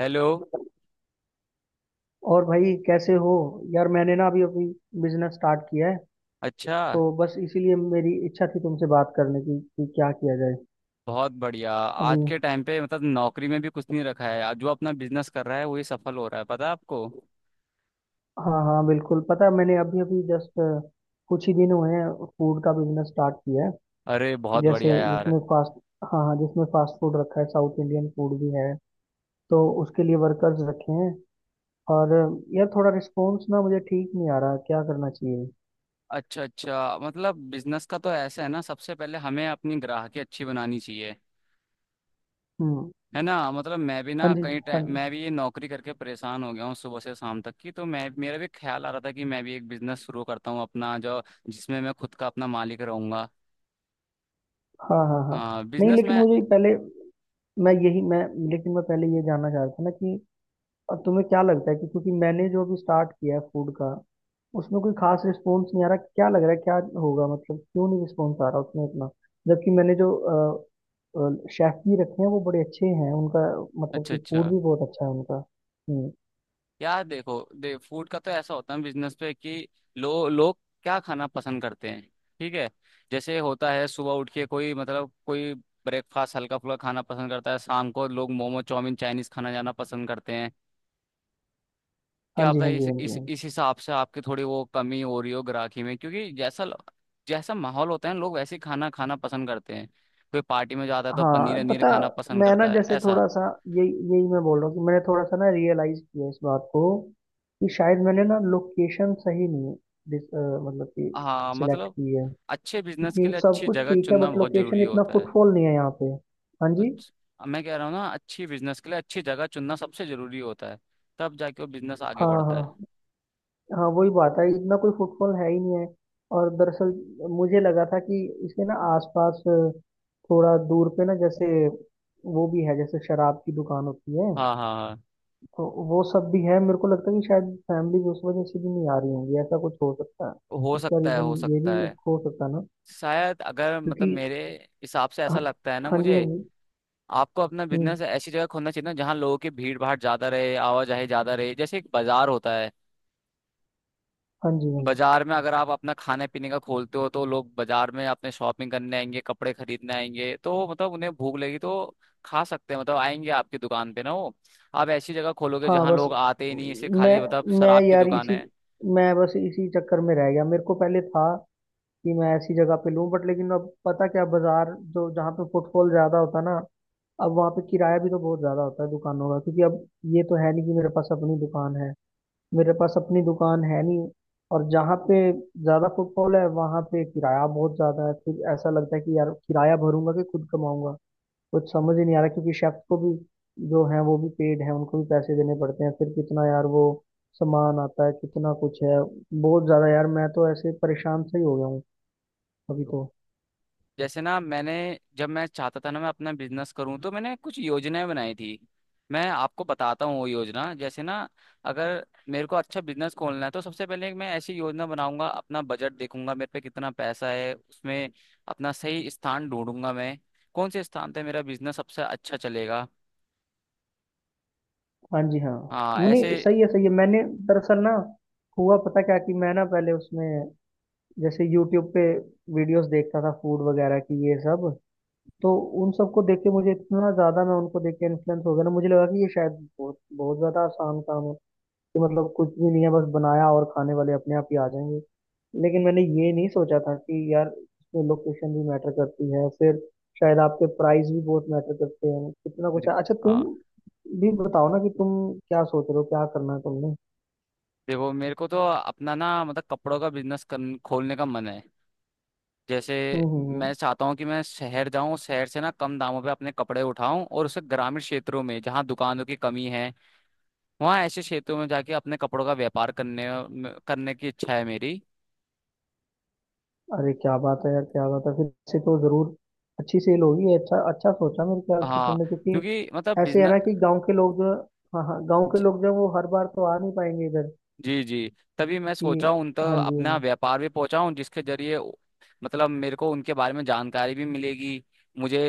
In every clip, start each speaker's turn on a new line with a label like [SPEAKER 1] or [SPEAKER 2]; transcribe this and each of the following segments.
[SPEAKER 1] Hello.
[SPEAKER 2] और भाई कैसे हो? यार, मैंने ना अभी अभी बिजनेस स्टार्ट किया है।
[SPEAKER 1] अच्छा।
[SPEAKER 2] तो बस इसीलिए मेरी इच्छा थी तुमसे बात करने की कि क्या किया जाए।
[SPEAKER 1] बहुत बढ़िया
[SPEAKER 2] अभी।
[SPEAKER 1] आज के टाइम पे मतलब नौकरी में भी कुछ नहीं रखा है। आज जो अपना बिजनेस कर रहा है वही सफल हो रहा है, पता है आपको।
[SPEAKER 2] हाँ हाँ, बिल्कुल पता है। मैंने अभी अभी जस्ट कुछ ही दिन हुए हैं। फूड का बिजनेस स्टार्ट किया है।
[SPEAKER 1] अरे बहुत
[SPEAKER 2] जैसे
[SPEAKER 1] बढ़िया यार।
[SPEAKER 2] जिसमें फास्ट हाँ हाँ, जिसमें फास्ट फूड रखा है, साउथ इंडियन फूड भी है। तो उसके लिए वर्कर्स रखे हैं। और यार, थोड़ा रिस्पॉन्स ना मुझे ठीक नहीं आ रहा। क्या करना चाहिए?
[SPEAKER 1] अच्छा अच्छा मतलब बिजनेस का तो ऐसा है ना, सबसे पहले हमें अपनी ग्राहकी अच्छी बनानी चाहिए,
[SPEAKER 2] हम्म।
[SPEAKER 1] है ना। मतलब मैं भी
[SPEAKER 2] हाँ
[SPEAKER 1] ना
[SPEAKER 2] जी,
[SPEAKER 1] कहीं
[SPEAKER 2] हाँ
[SPEAKER 1] टाइम
[SPEAKER 2] जी,
[SPEAKER 1] मैं भी ये नौकरी करके परेशान हो गया हूँ सुबह से शाम तक की, तो मैं, मेरा भी ख्याल आ रहा था कि मैं भी एक बिजनेस शुरू करता हूँ अपना, जो जिसमें मैं खुद का अपना मालिक रहूंगा।
[SPEAKER 2] हाँ, हाँ, हाँ।
[SPEAKER 1] हाँ,
[SPEAKER 2] नहीं,
[SPEAKER 1] बिजनेस में।
[SPEAKER 2] लेकिन मुझे पहले मैं यही मैं लेकिन मैं पहले ये जानना चाह रहा था ना, कि अब तुम्हें क्या लगता है कि क्योंकि मैंने जो अभी स्टार्ट किया है फूड का, उसमें कोई खास रिस्पॉन्स नहीं आ रहा। क्या लग रहा है, क्या होगा? मतलब क्यों नहीं रिस्पॉन्स आ रहा उसमें इतना, जबकि मैंने जो शेफ भी रखे हैं वो बड़े अच्छे हैं उनका, मतलब
[SPEAKER 1] अच्छा
[SPEAKER 2] कि फूड
[SPEAKER 1] अच्छा।
[SPEAKER 2] भी बहुत अच्छा है उनका। हम्म।
[SPEAKER 1] यार देखो दे फूड का तो ऐसा होता है बिजनेस पे कि लो लोग क्या खाना पसंद करते हैं। ठीक है। जैसे होता है सुबह उठ के कोई मतलब कोई ब्रेकफास्ट हल्का फुल्का खाना पसंद करता है, शाम को लोग मोमो चाउमीन चाइनीज खाना जाना पसंद करते हैं।
[SPEAKER 2] हाँ
[SPEAKER 1] क्या
[SPEAKER 2] जी,
[SPEAKER 1] आपका
[SPEAKER 2] हाँ
[SPEAKER 1] इस
[SPEAKER 2] जी, हाँ जी,
[SPEAKER 1] इस
[SPEAKER 2] हाँ जी।
[SPEAKER 1] इस हिसाब से आपकी थोड़ी वो कमी हो रही हो ग्राहकी में, क्योंकि जैसा जैसा माहौल होता है लोग वैसे ही खाना खाना पसंद करते हैं। कोई पार्टी में जाता है तो पनीर
[SPEAKER 2] हाँ
[SPEAKER 1] वनीर
[SPEAKER 2] पता,
[SPEAKER 1] खाना पसंद
[SPEAKER 2] मैं ना
[SPEAKER 1] करता है,
[SPEAKER 2] जैसे
[SPEAKER 1] ऐसा।
[SPEAKER 2] थोड़ा सा, यही यही मैं बोल रहा हूँ, कि मैंने थोड़ा सा ना रियलाइज किया इस बात को, कि शायद मैंने ना लोकेशन सही नहीं मतलब कि
[SPEAKER 1] हाँ
[SPEAKER 2] सिलेक्ट
[SPEAKER 1] मतलब
[SPEAKER 2] की है।
[SPEAKER 1] अच्छे बिजनेस के
[SPEAKER 2] क्योंकि
[SPEAKER 1] लिए
[SPEAKER 2] सब
[SPEAKER 1] अच्छी
[SPEAKER 2] कुछ
[SPEAKER 1] जगह
[SPEAKER 2] ठीक है,
[SPEAKER 1] चुनना
[SPEAKER 2] बट
[SPEAKER 1] बहुत
[SPEAKER 2] लोकेशन
[SPEAKER 1] जरूरी
[SPEAKER 2] इतना
[SPEAKER 1] होता है।
[SPEAKER 2] फुटफॉल नहीं है यहाँ पे। हाँ जी,
[SPEAKER 1] मैं कह रहा हूँ ना अच्छी बिजनेस के लिए अच्छी जगह चुनना सबसे जरूरी होता है, तब जाके वो बिजनेस आगे
[SPEAKER 2] हाँ,
[SPEAKER 1] बढ़ता है।
[SPEAKER 2] हाँ। हाँ वही बात है, इतना कोई फुटफॉल है ही नहीं है। और दरअसल मुझे लगा था कि इसके ना आसपास थोड़ा दूर पे ना, जैसे वो भी है, जैसे शराब की दुकान होती है,
[SPEAKER 1] हाँ हाँ हाँ।
[SPEAKER 2] तो वो सब भी है। मेरे को लगता है कि शायद फैमिली उस वजह से भी नहीं आ रही होंगी, ऐसा कुछ हो सकता है।
[SPEAKER 1] हो
[SPEAKER 2] इसका
[SPEAKER 1] सकता है
[SPEAKER 2] रीजन
[SPEAKER 1] हो
[SPEAKER 2] ये
[SPEAKER 1] सकता
[SPEAKER 2] भी एक
[SPEAKER 1] है।
[SPEAKER 2] हो सकता है ना।
[SPEAKER 1] शायद अगर मतलब
[SPEAKER 2] क्योंकि
[SPEAKER 1] मेरे हिसाब से ऐसा
[SPEAKER 2] हाँ,
[SPEAKER 1] लगता है ना
[SPEAKER 2] हाँ जी, हाँ
[SPEAKER 1] मुझे,
[SPEAKER 2] जी।
[SPEAKER 1] आपको अपना
[SPEAKER 2] हम्म,
[SPEAKER 1] बिजनेस ऐसी जगह खोलना चाहिए ना जहाँ लोगों की भीड़ भाड़ ज्यादा रहे, आवाजाही ज्यादा रहे, जैसे एक बाजार होता है।
[SPEAKER 2] हाँ जी, हाँ जी।
[SPEAKER 1] बाजार में अगर आप अपना खाने पीने का खोलते हो तो लोग बाजार में अपने शॉपिंग करने आएंगे, कपड़े खरीदने आएंगे, तो मतलब उन्हें भूख लगी तो खा सकते हैं, मतलब आएंगे आपकी दुकान पे ना। वो आप ऐसी जगह खोलोगे
[SPEAKER 2] हाँ
[SPEAKER 1] जहाँ
[SPEAKER 2] बस,
[SPEAKER 1] लोग आते ही नहीं, इसे
[SPEAKER 2] मैं
[SPEAKER 1] खाली मतलब
[SPEAKER 2] मैं
[SPEAKER 1] शराब की
[SPEAKER 2] यार
[SPEAKER 1] दुकान
[SPEAKER 2] इसी
[SPEAKER 1] है।
[SPEAKER 2] मैं बस इसी चक्कर में रह गया। मेरे को पहले था कि मैं ऐसी जगह पे लूं, बट लेकिन अब पता क्या, बाजार जो जहाँ पे फुटफॉल ज्यादा होता है ना, अब वहाँ पे किराया भी तो बहुत ज्यादा होता है दुकानों का। क्योंकि अब ये तो है नहीं कि मेरे पास अपनी दुकान है। मेरे पास अपनी दुकान है नहीं। और जहाँ पे ज्यादा फुटफॉल है वहां पे किराया बहुत ज्यादा है। फिर ऐसा लगता है कि यार किराया भरूंगा कि खुद कमाऊंगा? कुछ समझ ही नहीं आ रहा। क्योंकि शेफ को भी, जो है वो भी पेड है, उनको भी पैसे देने पड़ते हैं। फिर कितना यार वो सामान आता है, कितना कुछ है, बहुत ज्यादा यार। मैं तो ऐसे परेशान सही हो गया हूँ अभी तो।
[SPEAKER 1] जैसे ना मैंने, जब मैं चाहता था ना मैं अपना बिजनेस करूं तो मैंने कुछ योजनाएं बनाई थी। मैं आपको बताता हूँ वो योजना, जैसे ना अगर मेरे को अच्छा बिजनेस खोलना है तो सबसे पहले मैं ऐसी योजना बनाऊंगा, अपना बजट देखूंगा मेरे पे कितना पैसा है उसमें, अपना सही स्थान ढूंढूंगा मैं, कौन से स्थान पे मेरा बिजनेस सबसे अच्छा चलेगा।
[SPEAKER 2] हाँ जी, हाँ।
[SPEAKER 1] हाँ ऐसे।
[SPEAKER 2] नहीं, सही है, सही है। मैंने दरअसल ना, हुआ पता क्या कि मैं ना पहले उसमें, जैसे यूट्यूब पे वीडियोस देखता था फूड वगैरह की, ये सब, तो उन सबको देख के मुझे इतना ज्यादा मैं उनको देख के इन्फ्लुएंस हो गया ना। मुझे लगा कि ये शायद बहुत बहुत ज्यादा आसान काम है, कि मतलब कुछ भी नहीं है, बस बनाया और खाने वाले अपने आप ही आ जाएंगे। लेकिन मैंने ये नहीं सोचा था कि यार इसमें लोकेशन भी मैटर करती है, फिर शायद आपके प्राइस भी बहुत मैटर करते हैं, कितना कुछ है। अच्छा तुम
[SPEAKER 1] हाँ।
[SPEAKER 2] भी बताओ ना, कि तुम क्या सोच रहे हो, क्या करना है तुमने?
[SPEAKER 1] देखो मेरे को तो अपना ना मतलब कपड़ों का बिजनेस खोलने का मन है। जैसे
[SPEAKER 2] हम्म, हम्म,
[SPEAKER 1] मैं चाहता हूँ कि मैं शहर जाऊँ, शहर से ना कम दामों पे अपने कपड़े उठाऊं और उसे ग्रामीण क्षेत्रों में जहाँ दुकानों की कमी है, वहाँ ऐसे क्षेत्रों में जाके अपने कपड़ों का व्यापार करने करने की इच्छा है मेरी।
[SPEAKER 2] अरे क्या बात है यार, क्या बात है! फिर से तो जरूर अच्छी सेल होगी। अच्छा अच्छा सोचा मेरे ख्याल से
[SPEAKER 1] हाँ,
[SPEAKER 2] तुमने, क्योंकि
[SPEAKER 1] क्योंकि मतलब
[SPEAKER 2] ऐसे है ना
[SPEAKER 1] बिजनेस।
[SPEAKER 2] कि गांव के लोग जो हाँ हाँ, गांव के
[SPEAKER 1] जी
[SPEAKER 2] लोग जो हैं, वो हर बार तो आ नहीं पाएंगे इधर।
[SPEAKER 1] जी जी, तभी मैं
[SPEAKER 2] कि
[SPEAKER 1] सोचा हूँ उन
[SPEAKER 2] हाँ
[SPEAKER 1] तक
[SPEAKER 2] जी,
[SPEAKER 1] अपना
[SPEAKER 2] हाँ
[SPEAKER 1] व्यापार भी पहुँचाऊँ जिसके जरिए मतलब मेरे को उनके बारे में जानकारी भी मिलेगी मुझे।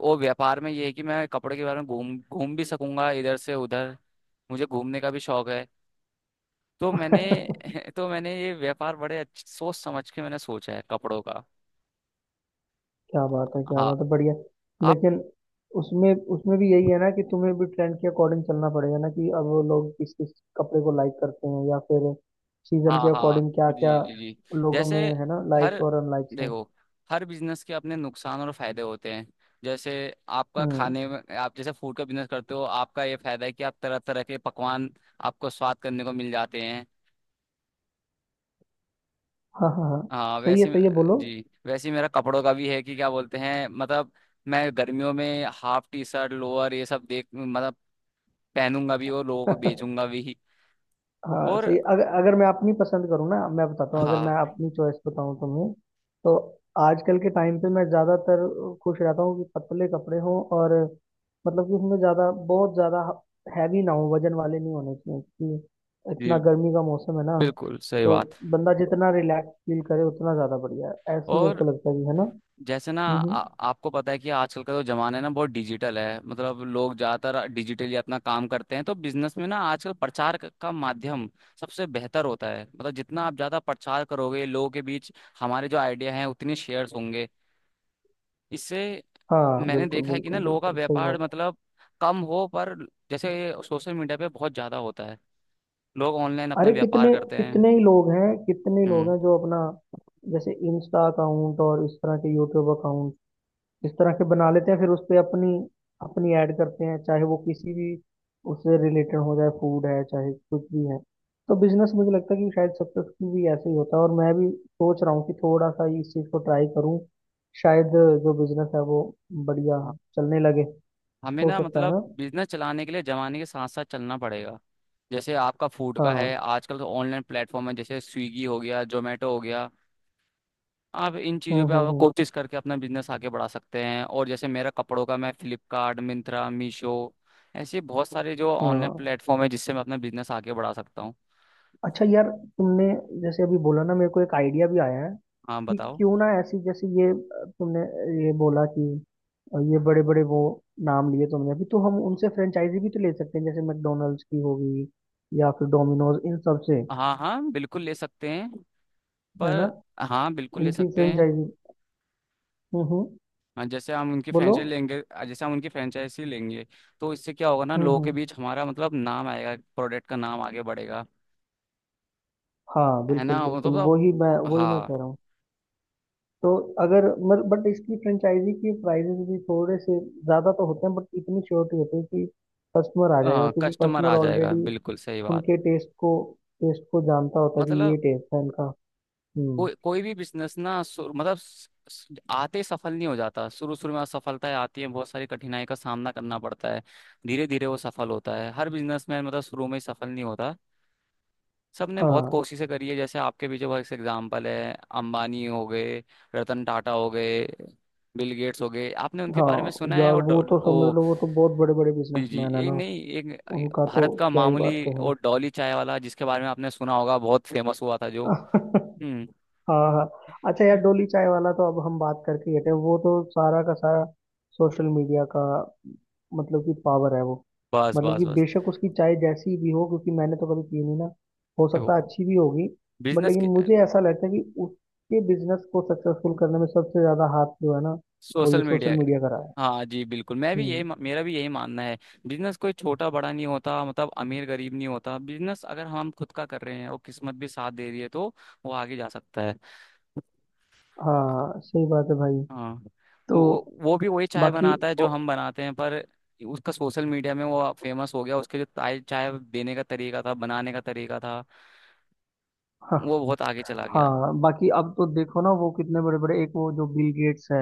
[SPEAKER 1] वो व्यापार में ये है कि मैं कपड़े के बारे में घूम घूम भी सकूंगा इधर से उधर, मुझे घूमने का भी शौक है। तो मैंने
[SPEAKER 2] जी।
[SPEAKER 1] तो मैंने ये व्यापार बड़े अच्छे सोच समझ के मैंने सोचा है कपड़ों का।
[SPEAKER 2] क्या बात है, क्या
[SPEAKER 1] हाँ
[SPEAKER 2] बात है, बढ़िया।
[SPEAKER 1] आप
[SPEAKER 2] लेकिन उसमें उसमें भी यही है ना, कि तुम्हें भी ट्रेंड के अकॉर्डिंग चलना पड़ेगा ना, कि अब वो लोग किस किस कपड़े को लाइक करते हैं, या फिर सीजन
[SPEAKER 1] हाँ
[SPEAKER 2] के
[SPEAKER 1] हाँ
[SPEAKER 2] अकॉर्डिंग क्या
[SPEAKER 1] जी
[SPEAKER 2] क्या
[SPEAKER 1] जी जी।
[SPEAKER 2] लोगों
[SPEAKER 1] जैसे
[SPEAKER 2] में है ना,
[SPEAKER 1] हर
[SPEAKER 2] लाइक्स और अनलाइक्स हैं।
[SPEAKER 1] देखो हर बिजनेस के अपने नुकसान और फायदे होते हैं। जैसे आपका
[SPEAKER 2] हम्म,
[SPEAKER 1] खाने में आप जैसे फूड का बिजनेस करते हो, आपका ये फायदा है कि आप तरह तरह के पकवान, आपको स्वाद करने को मिल जाते हैं।
[SPEAKER 2] हाँ, हाँ, हाँ,
[SPEAKER 1] हाँ
[SPEAKER 2] सही है, सही है, बोलो।
[SPEAKER 1] जी वैसे ही मेरा कपड़ों का भी है कि क्या बोलते हैं मतलब, मैं गर्मियों में हाफ टी शर्ट लोअर ये सब देख मतलब पहनूंगा भी और लोगों को बेचूंगा भी।
[SPEAKER 2] हाँ
[SPEAKER 1] और
[SPEAKER 2] सही, अगर अगर मैं अपनी पसंद करूँ ना, मैं बताता हूँ, अगर
[SPEAKER 1] हाँ
[SPEAKER 2] मैं अपनी चॉइस बताऊँ तुम्हें, तो आजकल के टाइम पे मैं ज़्यादातर खुश रहता हूँ कि पतले कपड़े हों, और मतलब कि उसमें ज़्यादा बहुत ज़्यादा हैवी ना हो, वजन वाले नहीं होने चाहिए, क्योंकि इतना
[SPEAKER 1] जी
[SPEAKER 2] गर्मी का मौसम है ना।
[SPEAKER 1] बिल्कुल सही
[SPEAKER 2] तो
[SPEAKER 1] बात।
[SPEAKER 2] बंदा जितना रिलैक्स फील करे उतना ज़्यादा बढ़िया है, ऐसे ही मेरे
[SPEAKER 1] और
[SPEAKER 2] को लगता है, कि है ना? हम्म,
[SPEAKER 1] जैसे ना आपको पता है कि आजकल का जो जमाना है ना बहुत डिजिटल है, मतलब लोग ज्यादातर डिजिटली अपना काम करते हैं। तो बिजनेस में ना आजकल प्रचार का माध्यम सबसे बेहतर होता है, मतलब जितना आप ज्यादा प्रचार करोगे लोगों के बीच हमारे जो आइडिया हैं उतने शेयर्स होंगे इससे।
[SPEAKER 2] हाँ
[SPEAKER 1] मैंने
[SPEAKER 2] बिल्कुल,
[SPEAKER 1] देखा है कि
[SPEAKER 2] बिल्कुल,
[SPEAKER 1] ना लोगों का
[SPEAKER 2] बिल्कुल सही
[SPEAKER 1] व्यापार
[SPEAKER 2] बात है।
[SPEAKER 1] मतलब कम हो, पर जैसे सोशल मीडिया पे बहुत ज्यादा होता है, लोग ऑनलाइन अपना
[SPEAKER 2] अरे
[SPEAKER 1] व्यापार
[SPEAKER 2] कितने
[SPEAKER 1] करते हैं।
[SPEAKER 2] कितने ही लोग हैं, कितने ही लोग
[SPEAKER 1] हम्म।
[SPEAKER 2] हैं जो अपना, जैसे इंस्टा अकाउंट और इस तरह के यूट्यूब अकाउंट इस तरह के बना लेते हैं, फिर उस पे अपनी अपनी ऐड करते हैं, चाहे वो किसी भी उससे रिलेटेड हो जाए, फूड है चाहे कुछ भी है। तो बिजनेस मुझे लगता है कि शायद सक्सेसफुल भी ऐसे ही होता है, और मैं भी सोच रहा हूँ कि थोड़ा सा इस चीज़ को ट्राई करूँ, शायद जो बिजनेस है वो बढ़िया
[SPEAKER 1] हाँ,
[SPEAKER 2] चलने लगे,
[SPEAKER 1] हमें
[SPEAKER 2] हो
[SPEAKER 1] ना
[SPEAKER 2] सकता है
[SPEAKER 1] मतलब
[SPEAKER 2] ना।
[SPEAKER 1] बिजनेस चलाने के लिए जमाने के साथ साथ चलना पड़ेगा। जैसे आपका फूड का
[SPEAKER 2] हाँ,
[SPEAKER 1] है, आजकल तो ऑनलाइन प्लेटफॉर्म है, जैसे स्विगी हो गया, जोमेटो हो गया, आप इन चीज़ों
[SPEAKER 2] हम्म,
[SPEAKER 1] पे
[SPEAKER 2] हम्म,
[SPEAKER 1] आप
[SPEAKER 2] हम्म।
[SPEAKER 1] कोशिश करके अपना बिजनेस आगे बढ़ा सकते हैं। और जैसे मेरा कपड़ों का, मैं फ्लिपकार्ट, मिंत्रा, मीशो ऐसे बहुत सारे जो ऑनलाइन
[SPEAKER 2] हाँ
[SPEAKER 1] प्लेटफॉर्म है जिससे मैं अपना बिजनेस आगे बढ़ा सकता हूँ।
[SPEAKER 2] अच्छा यार, तुमने जैसे अभी बोला ना, मेरे को एक आइडिया भी आया है,
[SPEAKER 1] हाँ
[SPEAKER 2] कि
[SPEAKER 1] बताओ।
[SPEAKER 2] क्यों ना ऐसी जैसे ये अ, तुमने ये बोला कि ये बड़े बड़े वो नाम लिए तुमने अभी, तो हम उनसे फ्रेंचाइजी भी तो ले सकते हैं, जैसे मैकडोनल्ड्स की होगी, या फिर डोमिनोज, इन सब से,
[SPEAKER 1] हाँ हाँ बिल्कुल ले सकते हैं,
[SPEAKER 2] है ना,
[SPEAKER 1] पर। हाँ बिल्कुल ले
[SPEAKER 2] इनकी
[SPEAKER 1] सकते हैं।
[SPEAKER 2] फ्रेंचाइजी। हम्म, हम्म,
[SPEAKER 1] हाँ जैसे हम उनकी
[SPEAKER 2] बोलो।
[SPEAKER 1] फ्रेंचाइजी लेंगे। जैसे हम उनकी फ्रेंचाइजी लेंगे तो इससे क्या होगा ना,
[SPEAKER 2] हम्म,
[SPEAKER 1] लोगों के
[SPEAKER 2] हम्म।
[SPEAKER 1] बीच हमारा मतलब नाम आएगा, प्रोडक्ट का नाम आगे बढ़ेगा,
[SPEAKER 2] हाँ
[SPEAKER 1] है
[SPEAKER 2] बिल्कुल,
[SPEAKER 1] ना
[SPEAKER 2] बिल्कुल,
[SPEAKER 1] मतलब।
[SPEAKER 2] वही मैं
[SPEAKER 1] हाँ।
[SPEAKER 2] कह रहा हूँ। तो अगर मत बट इसकी फ्रेंचाइजी के प्राइजेस भी थोड़े से ज़्यादा तो होते हैं, बट इतनी श्योरिटी होती है कि कस्टमर आ जाएगा,
[SPEAKER 1] हाँ
[SPEAKER 2] क्योंकि
[SPEAKER 1] कस्टमर
[SPEAKER 2] कस्टमर
[SPEAKER 1] आ जाएगा,
[SPEAKER 2] ऑलरेडी
[SPEAKER 1] बिल्कुल सही बात।
[SPEAKER 2] उनके टेस्ट को जानता होता है, कि ये
[SPEAKER 1] मतलब
[SPEAKER 2] टेस्ट है इनका। हम्म।
[SPEAKER 1] कोई कोई भी बिजनेस ना सु- मतलब स- स- आते ही सफल नहीं हो जाता, शुरू शुरू में असफलताएं आती हैं, बहुत सारी कठिनाई का सामना करना पड़ता है, धीरे धीरे वो सफल होता है। हर बिजनेसमैन मतलब शुरू में ही सफल नहीं होता, सबने बहुत
[SPEAKER 2] हाँ,
[SPEAKER 1] कोशिशें करी है। जैसे आपके पीछे बहुत से एग्जाम्पल है, अंबानी हो गए, रतन टाटा हो गए, बिल गेट्स हो गए, आपने उनके
[SPEAKER 2] हाँ
[SPEAKER 1] बारे में सुना है।
[SPEAKER 2] यार,
[SPEAKER 1] और
[SPEAKER 2] वो तो समझ
[SPEAKER 1] वो,
[SPEAKER 2] लो वो तो बहुत बड़े बड़े
[SPEAKER 1] जी जी
[SPEAKER 2] बिजनेसमैन है
[SPEAKER 1] एक
[SPEAKER 2] ना,
[SPEAKER 1] नहीं एक
[SPEAKER 2] उनका तो
[SPEAKER 1] भारत का
[SPEAKER 2] क्या ही
[SPEAKER 1] मामूली,
[SPEAKER 2] बात
[SPEAKER 1] और डॉली चाय वाला जिसके बारे में आपने सुना होगा, बहुत फेमस हुआ था जो।
[SPEAKER 2] कहें।
[SPEAKER 1] हम्म।
[SPEAKER 2] हाँ, हाँ। अच्छा यार, डोली चाय वाला तो अब हम बात करके ही हटे, वो तो सारा का सारा सोशल मीडिया का, मतलब कि पावर है वो।
[SPEAKER 1] बस
[SPEAKER 2] मतलब
[SPEAKER 1] बस
[SPEAKER 2] कि
[SPEAKER 1] बस।
[SPEAKER 2] बेशक उसकी चाय जैसी भी हो, क्योंकि मैंने तो कभी पी नहीं ना, हो सकता है
[SPEAKER 1] देखो
[SPEAKER 2] अच्छी भी होगी, बट
[SPEAKER 1] बिजनेस
[SPEAKER 2] लेकिन
[SPEAKER 1] के,
[SPEAKER 2] मुझे ऐसा लगता है कि उसके बिजनेस को सक्सेसफुल करने में सबसे ज्यादा हाथ जो है ना, वो
[SPEAKER 1] सोशल
[SPEAKER 2] ये सोशल
[SPEAKER 1] मीडिया।
[SPEAKER 2] मीडिया का रहा है।
[SPEAKER 1] हाँ जी बिल्कुल, मैं भी यही,
[SPEAKER 2] हम्म।
[SPEAKER 1] मेरा भी यही मानना है। बिजनेस कोई छोटा बड़ा नहीं होता मतलब, अमीर गरीब नहीं होता, बिजनेस अगर हम खुद का कर रहे हैं और किस्मत भी साथ दे रही है तो वो आगे जा सकता है।
[SPEAKER 2] हाँ सही बात है भाई।
[SPEAKER 1] हाँ
[SPEAKER 2] तो
[SPEAKER 1] वो भी वही चाय
[SPEAKER 2] बाकी
[SPEAKER 1] बनाता है जो
[SPEAKER 2] ओ,
[SPEAKER 1] हम बनाते हैं, पर उसका सोशल मीडिया में वो फेमस हो गया, उसके जो चाय चाय देने का तरीका था, बनाने का तरीका था,
[SPEAKER 2] हाँ,
[SPEAKER 1] वो बहुत आगे चला गया।
[SPEAKER 2] हाँ, बाकी अब तो देखो ना, वो कितने बड़े बड़े, एक वो जो बिल गेट्स है,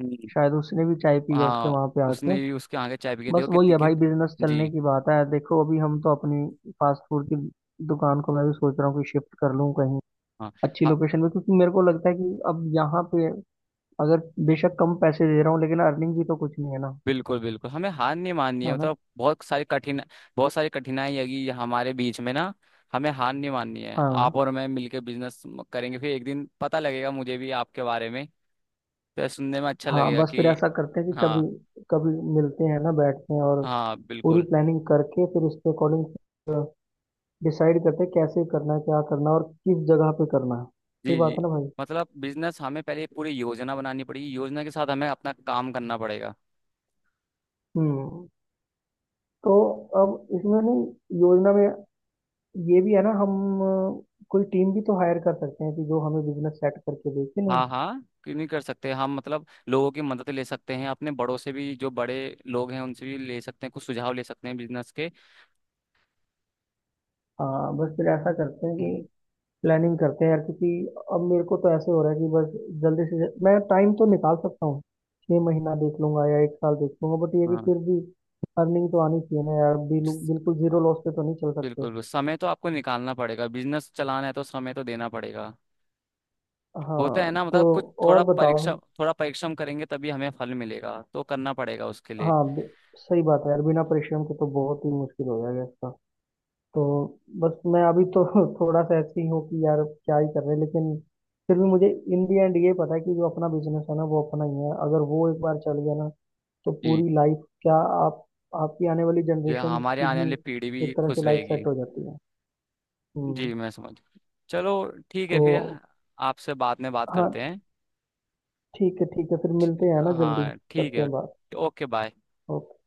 [SPEAKER 1] हम्म।
[SPEAKER 2] शायद उसने भी चाय पी है उसके
[SPEAKER 1] हाँ
[SPEAKER 2] वहां पे आके।
[SPEAKER 1] उसने भी उसके आगे चाय पी के
[SPEAKER 2] बस
[SPEAKER 1] देखो
[SPEAKER 2] वही
[SPEAKER 1] कितनी
[SPEAKER 2] है
[SPEAKER 1] कि,
[SPEAKER 2] भाई, बिजनेस चलने
[SPEAKER 1] जी।
[SPEAKER 2] की बात है। देखो अभी हम तो अपनी फास्ट फूड की दुकान को, मैं भी सोच रहा हूँ कि शिफ्ट कर लूँ कहीं अच्छी
[SPEAKER 1] हाँ
[SPEAKER 2] लोकेशन में, क्योंकि मेरे को लगता है कि अब यहाँ पे अगर बेशक कम पैसे दे रहा हूँ, लेकिन अर्निंग भी तो कुछ नहीं है ना,
[SPEAKER 1] बिल्कुल बिल्कुल, हमें हार नहीं माननी है,
[SPEAKER 2] है ना?
[SPEAKER 1] मतलब बहुत सारी कठिन, बहुत सारी कठिनाई आएगी हमारे बीच में ना, हमें हार नहीं माननी है।
[SPEAKER 2] हाँ,
[SPEAKER 1] आप और मैं मिलके बिजनेस करेंगे, फिर एक दिन पता लगेगा मुझे भी आपके बारे में, तो सुनने में अच्छा
[SPEAKER 2] हाँ।
[SPEAKER 1] लगेगा
[SPEAKER 2] बस फिर
[SPEAKER 1] कि।
[SPEAKER 2] ऐसा करते हैं कि कभी
[SPEAKER 1] हाँ
[SPEAKER 2] कभी मिलते हैं ना, बैठते हैं, और
[SPEAKER 1] हाँ
[SPEAKER 2] पूरी
[SPEAKER 1] बिल्कुल।
[SPEAKER 2] प्लानिंग करके फिर उसके अकॉर्डिंग डिसाइड करते हैं कैसे करना है, क्या करना है, और किस जगह पे करना है। सही
[SPEAKER 1] जी
[SPEAKER 2] बात
[SPEAKER 1] जी
[SPEAKER 2] है ना भाई?
[SPEAKER 1] मतलब बिजनेस हमें पहले पूरी योजना बनानी पड़ेगी, योजना के साथ हमें अपना काम करना पड़ेगा।
[SPEAKER 2] हम्म। तो अब इसमें नहीं, योजना में, ये भी है ना, हम कोई टीम भी तो हायर कर सकते हैं कि जो हमें बिजनेस सेट करके दे, कि नहीं?
[SPEAKER 1] हाँ हाँ क्यों नहीं कर सकते हम, मतलब लोगों की मदद ले सकते हैं, अपने बड़ों से भी, जो बड़े लोग हैं उनसे भी ले सकते हैं, कुछ सुझाव ले सकते हैं बिजनेस के।
[SPEAKER 2] हाँ बस फिर ऐसा करते हैं
[SPEAKER 1] हम्म।
[SPEAKER 2] कि प्लानिंग करते हैं यार, क्योंकि अब मेरे को तो ऐसे हो रहा है कि बस जल्दी से जल्दी मैं टाइम तो निकाल सकता हूँ, 6 महीना देख लूंगा या एक साल देख लूंगा, बट ये कि
[SPEAKER 1] हाँ
[SPEAKER 2] फिर भी अर्निंग तो आनी चाहिए ना यार, बिल्कुल जीरो लॉस पे तो नहीं चल सकते।
[SPEAKER 1] बिल्कुल समय तो आपको निकालना पड़ेगा, बिजनेस चलाना है तो समय तो देना पड़ेगा। होता है
[SPEAKER 2] हाँ
[SPEAKER 1] ना,
[SPEAKER 2] तो,
[SPEAKER 1] मतलब कुछ थोड़ा
[SPEAKER 2] और
[SPEAKER 1] परीक्षा
[SPEAKER 2] बताओ।
[SPEAKER 1] थोड़ा परिश्रम करेंगे तभी हमें फल मिलेगा, तो करना पड़ेगा उसके लिए।
[SPEAKER 2] हाँ, सही बात है यार, बिना परिश्रम के तो बहुत ही मुश्किल हो जाएगा इसका। तो बस मैं अभी तो थोड़ा सा ऐसे ही हूँ कि यार क्या ही कर रहे हैं, लेकिन फिर भी मुझे इन दी एंड ये पता है कि जो अपना बिजनेस है ना वो अपना ही है। अगर वो एक बार चल गया ना, तो
[SPEAKER 1] जी
[SPEAKER 2] पूरी लाइफ क्या, आप आपकी आने वाली
[SPEAKER 1] जी
[SPEAKER 2] जनरेशन
[SPEAKER 1] हमारे
[SPEAKER 2] की
[SPEAKER 1] आने
[SPEAKER 2] भी
[SPEAKER 1] वाली पीढ़ी भी
[SPEAKER 2] एक तरह से
[SPEAKER 1] खुश
[SPEAKER 2] लाइफ
[SPEAKER 1] रहेगी।
[SPEAKER 2] सेट हो जाती है।
[SPEAKER 1] जी
[SPEAKER 2] हम्म।
[SPEAKER 1] मैं समझ, चलो ठीक है
[SPEAKER 2] तो
[SPEAKER 1] फिर आपसे बाद में बात करते
[SPEAKER 2] हाँ,
[SPEAKER 1] हैं।
[SPEAKER 2] ठीक है, ठीक है। फिर मिलते हैं ना जल्दी,
[SPEAKER 1] हाँ ठीक
[SPEAKER 2] करते
[SPEAKER 1] है।
[SPEAKER 2] हैं बात।
[SPEAKER 1] Okay bye.
[SPEAKER 2] ओके।